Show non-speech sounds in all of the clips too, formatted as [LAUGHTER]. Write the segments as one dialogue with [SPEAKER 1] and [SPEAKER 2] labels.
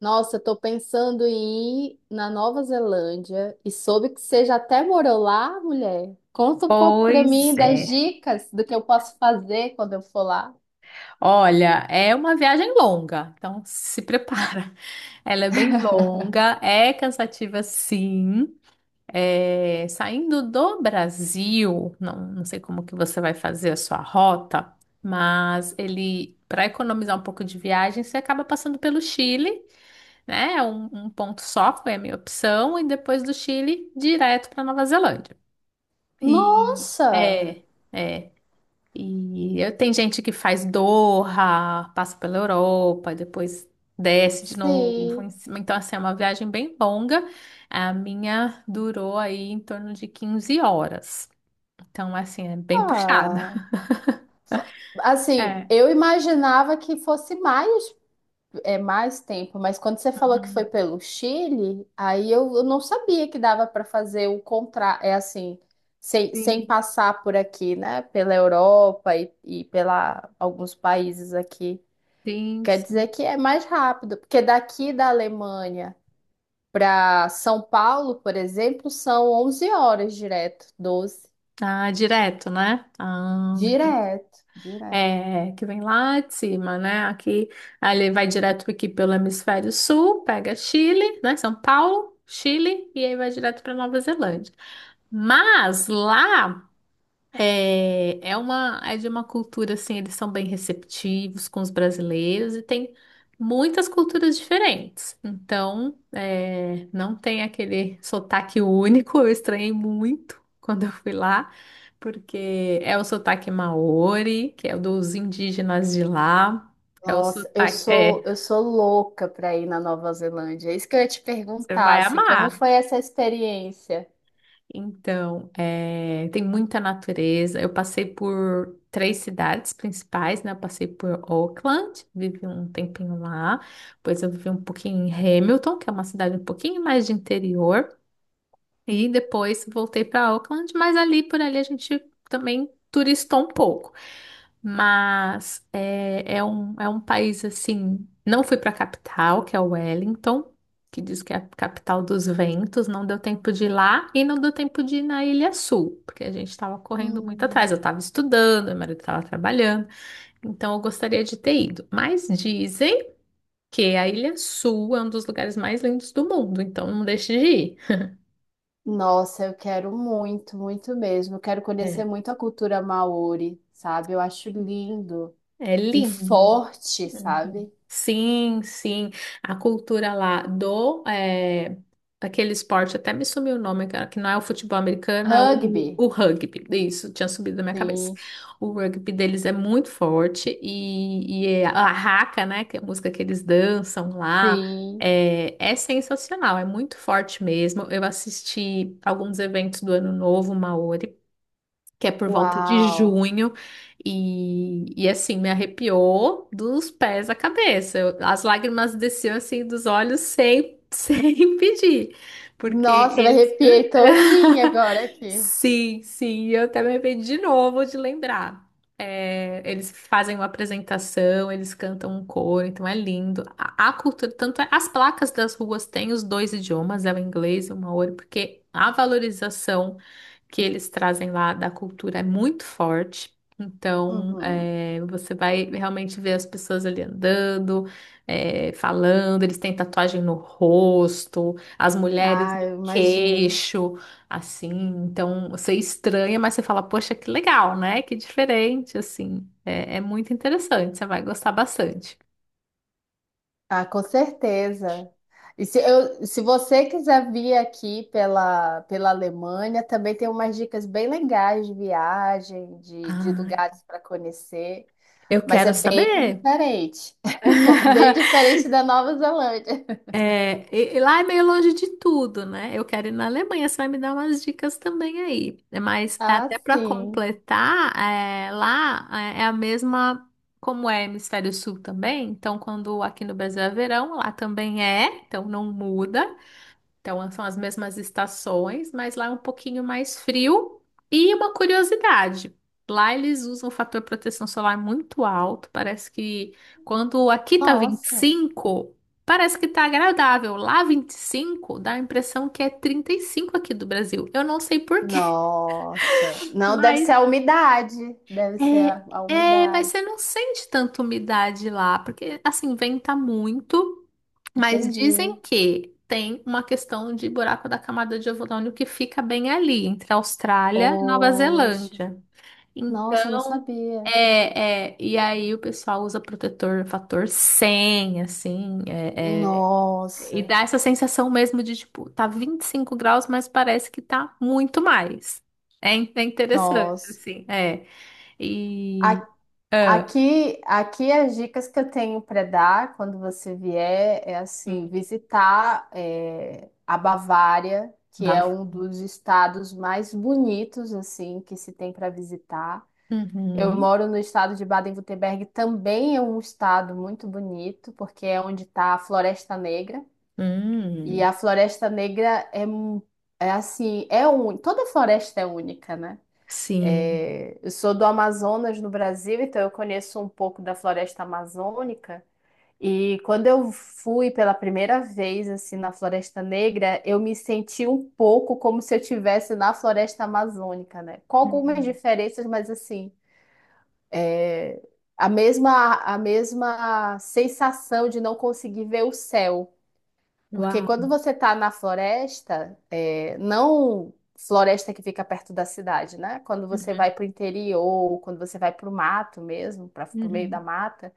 [SPEAKER 1] Nossa, eu tô pensando em ir na Nova Zelândia e soube que você já até morou lá, mulher. Conta um pouco pra
[SPEAKER 2] Pois
[SPEAKER 1] mim das
[SPEAKER 2] é.
[SPEAKER 1] dicas do que eu posso fazer quando eu for lá.
[SPEAKER 2] Olha, é uma viagem longa, então se prepara. [LAUGHS] Ela é bem longa, é cansativa sim. É, saindo do Brasil, não sei como que você vai fazer a sua rota, mas ele, para economizar um pouco de viagem, você acaba passando pelo Chile, né? Um ponto só foi a minha opção, e depois do Chile, direto para Nova Zelândia. E
[SPEAKER 1] Nossa,
[SPEAKER 2] é. É. Tem gente que faz Doha, passa pela Europa, depois desce de novo
[SPEAKER 1] sim.
[SPEAKER 2] em cima. Então, assim, é uma viagem bem longa. A minha durou aí em torno de 15 horas. Então, assim, é bem puxada.
[SPEAKER 1] Ah, assim,
[SPEAKER 2] É.
[SPEAKER 1] eu imaginava que fosse mais. É mais tempo, mas quando você falou que
[SPEAKER 2] Uhum.
[SPEAKER 1] foi pelo Chile, aí eu não sabia que dava para fazer o contra, é assim, sem
[SPEAKER 2] Sim.
[SPEAKER 1] passar por aqui, né? Pela Europa e pela alguns países aqui.
[SPEAKER 2] Sim,
[SPEAKER 1] Quer dizer
[SPEAKER 2] sim.
[SPEAKER 1] que é mais rápido, porque daqui da Alemanha para São Paulo, por exemplo, são 11 horas direto, 12.
[SPEAKER 2] Ah, direto, né? Ah,
[SPEAKER 1] Direto, direto.
[SPEAKER 2] é, que vem lá de cima, né? Aqui, aí ele vai direto aqui pelo hemisfério sul, pega Chile, né? São Paulo, Chile, e aí vai direto para Nova Zelândia. Mas lá. É de uma cultura assim, eles são bem receptivos com os brasileiros e tem muitas culturas diferentes. Então, não tem aquele sotaque único. Eu estranhei muito quando eu fui lá, porque é o sotaque maori, que é o dos indígenas de lá. É o
[SPEAKER 1] Nossa, eu
[SPEAKER 2] sotaque,
[SPEAKER 1] sou
[SPEAKER 2] é,
[SPEAKER 1] eu sou louca para ir na Nova Zelândia. É isso que eu ia te
[SPEAKER 2] Você
[SPEAKER 1] perguntar,
[SPEAKER 2] vai
[SPEAKER 1] assim, como
[SPEAKER 2] amar.
[SPEAKER 1] foi essa experiência?
[SPEAKER 2] Então, tem muita natureza. Eu passei por três cidades principais, né? Eu passei por Auckland, vivi um tempinho lá. Depois eu vivi um pouquinho em Hamilton, que é uma cidade um pouquinho mais de interior. E depois voltei para Auckland, mas ali por ali a gente também turistou um pouco. É um país assim. Não fui para a capital, que é Wellington, que diz que é a capital dos ventos. Não deu tempo de ir lá e não deu tempo de ir na Ilha Sul, porque a gente estava correndo muito atrás.
[SPEAKER 1] Hum.
[SPEAKER 2] Eu estava estudando, meu marido estava trabalhando, então eu gostaria de ter ido. Mas dizem que a Ilha Sul é um dos lugares mais lindos do mundo, então não deixe de ir.
[SPEAKER 1] Nossa, eu quero muito, muito mesmo. Eu quero conhecer
[SPEAKER 2] É.
[SPEAKER 1] muito a cultura maori, sabe? Eu acho lindo
[SPEAKER 2] É
[SPEAKER 1] e
[SPEAKER 2] lindo.
[SPEAKER 1] forte,
[SPEAKER 2] Uhum.
[SPEAKER 1] sabe?
[SPEAKER 2] Sim, sim. A cultura lá do é, Aquele esporte até me sumiu o nome, cara, que não é o futebol americano, é o,
[SPEAKER 1] Rugby.
[SPEAKER 2] o rugby. Isso, tinha subido da minha cabeça.
[SPEAKER 1] Sim,
[SPEAKER 2] O rugby deles é muito forte e a raca, né, que é a música que eles dançam lá,
[SPEAKER 1] sim.
[SPEAKER 2] é sensacional, é muito forte mesmo. Eu assisti alguns eventos do Ano Novo Maori, que é por volta de
[SPEAKER 1] Uau.
[SPEAKER 2] junho, e assim, me arrepiou dos pés à cabeça. As lágrimas desciam assim dos olhos sem, [LAUGHS] sem pedir, porque
[SPEAKER 1] Nossa, eu me
[SPEAKER 2] eles.
[SPEAKER 1] arrepiei todinha agora
[SPEAKER 2] [LAUGHS]
[SPEAKER 1] aqui.
[SPEAKER 2] Sim, sim, eu até me arrependi de novo de lembrar. É, eles fazem uma apresentação, eles cantam um coro, então é lindo. A cultura, tanto é, as placas das ruas têm os dois idiomas, é o inglês e o maori, porque a valorização que eles trazem lá da cultura é muito forte. Então,
[SPEAKER 1] Uhum.
[SPEAKER 2] é, você vai realmente ver as pessoas ali andando, falando, eles têm tatuagem no rosto, as mulheres
[SPEAKER 1] Ah,
[SPEAKER 2] no
[SPEAKER 1] eu imagino.
[SPEAKER 2] queixo, assim. Então, você estranha, mas você fala, poxa, que legal, né? Que diferente, assim. É, é muito interessante, você vai gostar bastante.
[SPEAKER 1] Ah, com certeza. E se, eu, se você quiser vir aqui pela Alemanha, também tem umas dicas bem legais de viagem, de
[SPEAKER 2] Ai,
[SPEAKER 1] lugares para conhecer,
[SPEAKER 2] eu
[SPEAKER 1] mas é
[SPEAKER 2] quero
[SPEAKER 1] bem
[SPEAKER 2] saber.
[SPEAKER 1] diferente,
[SPEAKER 2] [LAUGHS]
[SPEAKER 1] [LAUGHS] bem diferente da Nova Zelândia. [LAUGHS]
[SPEAKER 2] E lá é meio longe de tudo, né? Eu quero ir na Alemanha, você vai me dar umas dicas também aí. Mas
[SPEAKER 1] Ah,
[SPEAKER 2] até para
[SPEAKER 1] sim.
[SPEAKER 2] completar, lá é a mesma, como é Hemisfério Sul também. Então, quando aqui no Brasil é verão, lá também é, então não muda. Então, são as mesmas estações, mas lá é um pouquinho mais frio. E uma curiosidade: lá eles usam um fator proteção solar muito alto. Parece que quando aqui tá vinte e
[SPEAKER 1] Nossa.
[SPEAKER 2] cinco, parece que tá agradável. Lá 25 dá a impressão que é 35 aqui do Brasil. Eu não sei por quê,
[SPEAKER 1] Nossa.
[SPEAKER 2] [LAUGHS]
[SPEAKER 1] Não, deve
[SPEAKER 2] mas
[SPEAKER 1] ser a umidade. Deve ser a
[SPEAKER 2] mas
[SPEAKER 1] umidade.
[SPEAKER 2] você não sente tanta umidade lá, porque assim, venta muito. Mas dizem
[SPEAKER 1] Entendi.
[SPEAKER 2] que tem uma questão de buraco da camada de ozônio que fica bem ali, entre a Austrália e Nova
[SPEAKER 1] Oxe.
[SPEAKER 2] Zelândia.
[SPEAKER 1] Nossa, eu não
[SPEAKER 2] Então,
[SPEAKER 1] sabia.
[SPEAKER 2] e aí o pessoal usa protetor fator 100, assim, e
[SPEAKER 1] Nossa.
[SPEAKER 2] dá essa sensação mesmo de, tipo, tá 25 graus, mas parece que tá muito mais. É interessante,
[SPEAKER 1] Nossa.
[SPEAKER 2] assim, é. E...
[SPEAKER 1] A-
[SPEAKER 2] ah,
[SPEAKER 1] aqui, as dicas que eu tenho para dar quando você vier é assim,
[SPEAKER 2] hum,
[SPEAKER 1] visitar é, a Bavária, que é
[SPEAKER 2] bafo.
[SPEAKER 1] um dos estados mais bonitos assim que se tem para visitar. Eu
[SPEAKER 2] Uhum.
[SPEAKER 1] moro no estado de Baden-Württemberg, também é um estado muito bonito, porque é onde está a Floresta Negra. E
[SPEAKER 2] Hum,
[SPEAKER 1] a Floresta Negra é assim, é única. Toda floresta é única, né?
[SPEAKER 2] sim.
[SPEAKER 1] É, eu sou do Amazonas, no Brasil, então eu conheço um pouco da floresta amazônica. E quando eu fui pela primeira vez assim na Floresta Negra, eu me senti um pouco como se eu estivesse na Floresta Amazônica, né? Com algumas
[SPEAKER 2] Hum.
[SPEAKER 1] diferenças, mas assim, é, a mesma sensação de não conseguir ver o céu. Porque
[SPEAKER 2] Uau.
[SPEAKER 1] quando você está na floresta, é, não floresta que fica perto da cidade, né? Quando você
[SPEAKER 2] Uhum,
[SPEAKER 1] vai para o interior, quando você vai para o mato mesmo, para o meio da
[SPEAKER 2] uhum.
[SPEAKER 1] mata,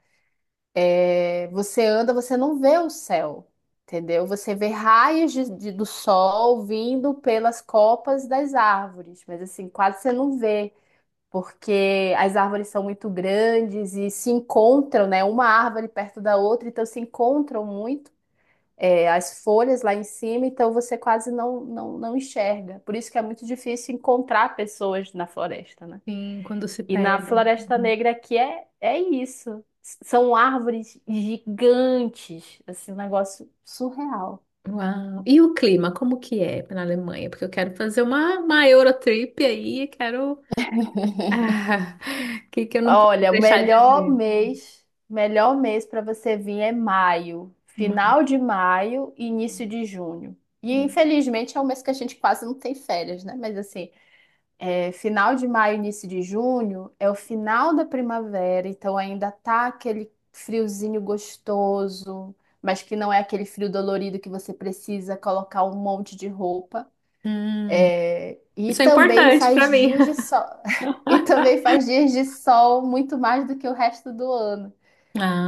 [SPEAKER 1] é, você anda, você não vê o céu, entendeu? Você vê raios do sol vindo pelas copas das árvores, mas assim, quase você não vê. Porque as árvores são muito grandes e se encontram, né? Uma árvore perto da outra, então se encontram muito é, as folhas lá em cima, então você quase não enxerga. Por isso que é muito difícil encontrar pessoas na floresta, né?
[SPEAKER 2] Sim, quando se
[SPEAKER 1] E na
[SPEAKER 2] perdem.
[SPEAKER 1] Floresta
[SPEAKER 2] Uhum.
[SPEAKER 1] Negra aqui é, é isso. São árvores gigantes, assim, um negócio surreal.
[SPEAKER 2] Uau. E o clima, como que é na Alemanha? Porque eu quero fazer uma Eurotrip aí, e quero... Ah, [LAUGHS] que eu não posso
[SPEAKER 1] Olha, o
[SPEAKER 2] deixar de ver?
[SPEAKER 1] melhor mês para você vir é maio,
[SPEAKER 2] Hum.
[SPEAKER 1] final de maio e início de junho. E infelizmente é um mês que a gente quase não tem férias, né? Mas assim, é, final de maio, início de junho é o final da primavera, então ainda tá aquele friozinho gostoso, mas que não é aquele frio dolorido que você precisa colocar um monte de roupa.
[SPEAKER 2] Hum.
[SPEAKER 1] É, e
[SPEAKER 2] Isso é
[SPEAKER 1] também
[SPEAKER 2] importante
[SPEAKER 1] faz
[SPEAKER 2] para mim.
[SPEAKER 1] dias de sol. [LAUGHS] E também
[SPEAKER 2] [LAUGHS]
[SPEAKER 1] faz dias de sol muito mais do que o resto do ano.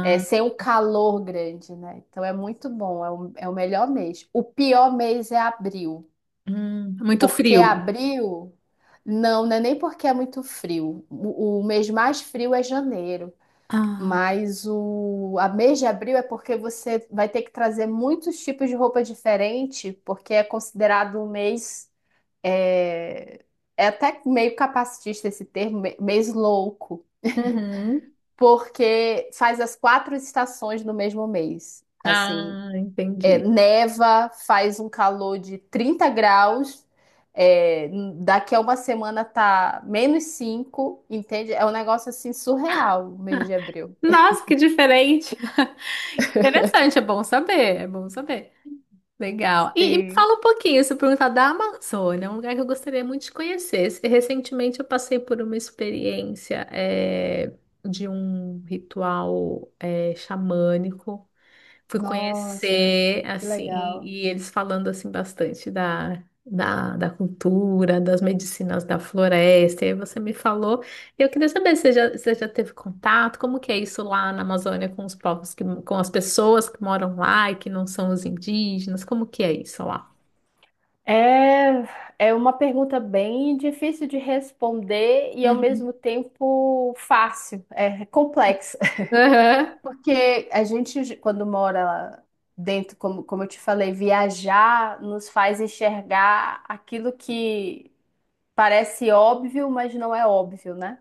[SPEAKER 1] É, sem o calor grande, né? Então é muito bom, é o, é o melhor mês. O pior mês é abril.
[SPEAKER 2] muito
[SPEAKER 1] Porque
[SPEAKER 2] frio.
[SPEAKER 1] abril, não é nem porque é muito frio. O mês mais frio é janeiro,
[SPEAKER 2] Ah,
[SPEAKER 1] mas o a mês de abril é porque você vai ter que trazer muitos tipos de roupa diferente, porque é considerado um mês é, é até meio capacitista esse termo, mês louco,
[SPEAKER 2] uhum.
[SPEAKER 1] porque faz as quatro estações no mesmo mês. Assim,
[SPEAKER 2] Ah,
[SPEAKER 1] é,
[SPEAKER 2] entendi.
[SPEAKER 1] neva, faz um calor de 30 graus, é, daqui a uma semana tá -5, entende? É um negócio assim surreal, o mês de abril.
[SPEAKER 2] Nossa, que diferente. [LAUGHS] Interessante, é bom saber, é bom saber. Legal. E me
[SPEAKER 1] Sim.
[SPEAKER 2] fala um pouquinho, se eu perguntar da Amazônia, um lugar que eu gostaria muito de conhecer. Recentemente eu passei por uma experiência de um ritual xamânico. Fui
[SPEAKER 1] Nossa,
[SPEAKER 2] conhecer,
[SPEAKER 1] que
[SPEAKER 2] assim,
[SPEAKER 1] legal.
[SPEAKER 2] e eles falando, assim, bastante da cultura, das medicinas da floresta. E aí você me falou. E eu queria saber se você já, se você já teve contato, como que é isso lá na Amazônia com os povos, que, com as pessoas que moram lá e que não são os indígenas. Como que é isso lá?
[SPEAKER 1] É, é uma pergunta bem difícil de responder e ao mesmo
[SPEAKER 2] Uhum.
[SPEAKER 1] tempo fácil, é complexa.
[SPEAKER 2] Aham.
[SPEAKER 1] Porque a gente, quando mora lá dentro, como, como eu te falei, viajar nos faz enxergar aquilo que parece óbvio, mas não é óbvio, né?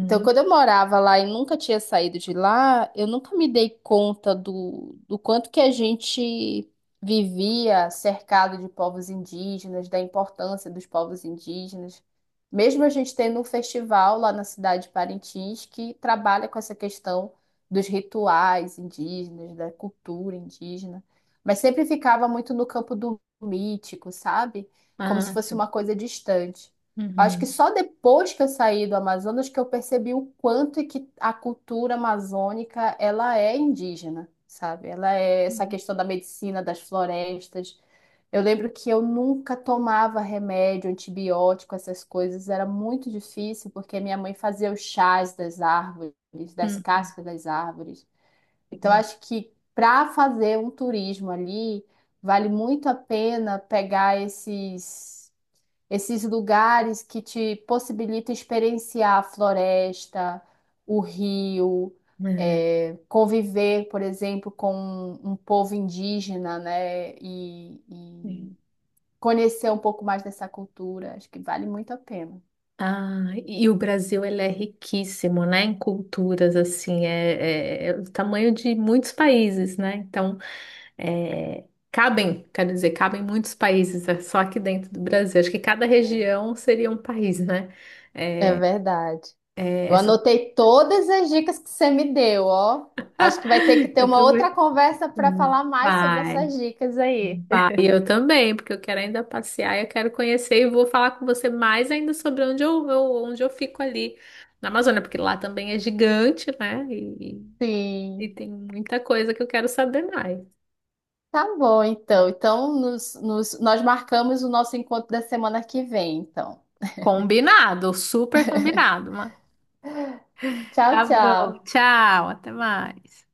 [SPEAKER 1] Então, quando eu morava lá e nunca tinha saído de lá, eu nunca me dei conta do quanto que a gente vivia cercado de povos indígenas, da importância dos povos indígenas. Mesmo a gente tendo um festival lá na cidade de Parintins que trabalha com essa questão dos rituais indígenas, da cultura indígena, mas sempre ficava muito no campo do mítico, sabe? Como se
[SPEAKER 2] Ah,
[SPEAKER 1] fosse uma
[SPEAKER 2] sim.
[SPEAKER 1] coisa distante. Acho que
[SPEAKER 2] Uhum.
[SPEAKER 1] só depois que eu saí do Amazonas que eu percebi o quanto é que a cultura amazônica ela é indígena, sabe? Ela é essa
[SPEAKER 2] Uhum.
[SPEAKER 1] questão da medicina das florestas. Eu lembro que eu nunca tomava remédio, antibiótico, essas coisas. Era muito difícil porque minha mãe fazia os chás das árvores, das cascas das árvores. Então
[SPEAKER 2] Uhum.
[SPEAKER 1] acho que para fazer um turismo ali vale muito a pena pegar esses lugares que te possibilitam experienciar a floresta, o rio,
[SPEAKER 2] Uhum.
[SPEAKER 1] é, conviver, por exemplo, com um povo indígena, né? E conhecer um pouco mais dessa cultura. Acho que vale muito a pena.
[SPEAKER 2] Ah, e o Brasil ele é riquíssimo, né, em culturas, assim, é o tamanho de muitos países, né? Então, é, cabem, quero dizer, cabem muitos países, é só aqui dentro do Brasil. Acho que cada região seria um país, né?
[SPEAKER 1] É
[SPEAKER 2] É,
[SPEAKER 1] verdade. Eu
[SPEAKER 2] essa-
[SPEAKER 1] anotei todas as dicas que você me deu, ó. Acho que vai ter que
[SPEAKER 2] [LAUGHS]
[SPEAKER 1] ter
[SPEAKER 2] Eu
[SPEAKER 1] uma outra
[SPEAKER 2] também.
[SPEAKER 1] conversa para falar mais sobre
[SPEAKER 2] Vai,
[SPEAKER 1] essas dicas aí.
[SPEAKER 2] vai. Eu também, porque eu quero ainda passear, eu quero conhecer e vou falar com você mais ainda sobre onde onde eu fico ali na Amazônia, porque lá também é gigante, né? E
[SPEAKER 1] Sim.
[SPEAKER 2] tem muita coisa que eu quero saber mais.
[SPEAKER 1] Tá bom, então. Então, nós marcamos o nosso encontro da semana que vem, então.
[SPEAKER 2] Combinado, super combinado, mano.
[SPEAKER 1] Tchau,
[SPEAKER 2] Tá bom,
[SPEAKER 1] tchau.
[SPEAKER 2] tchau, até mais.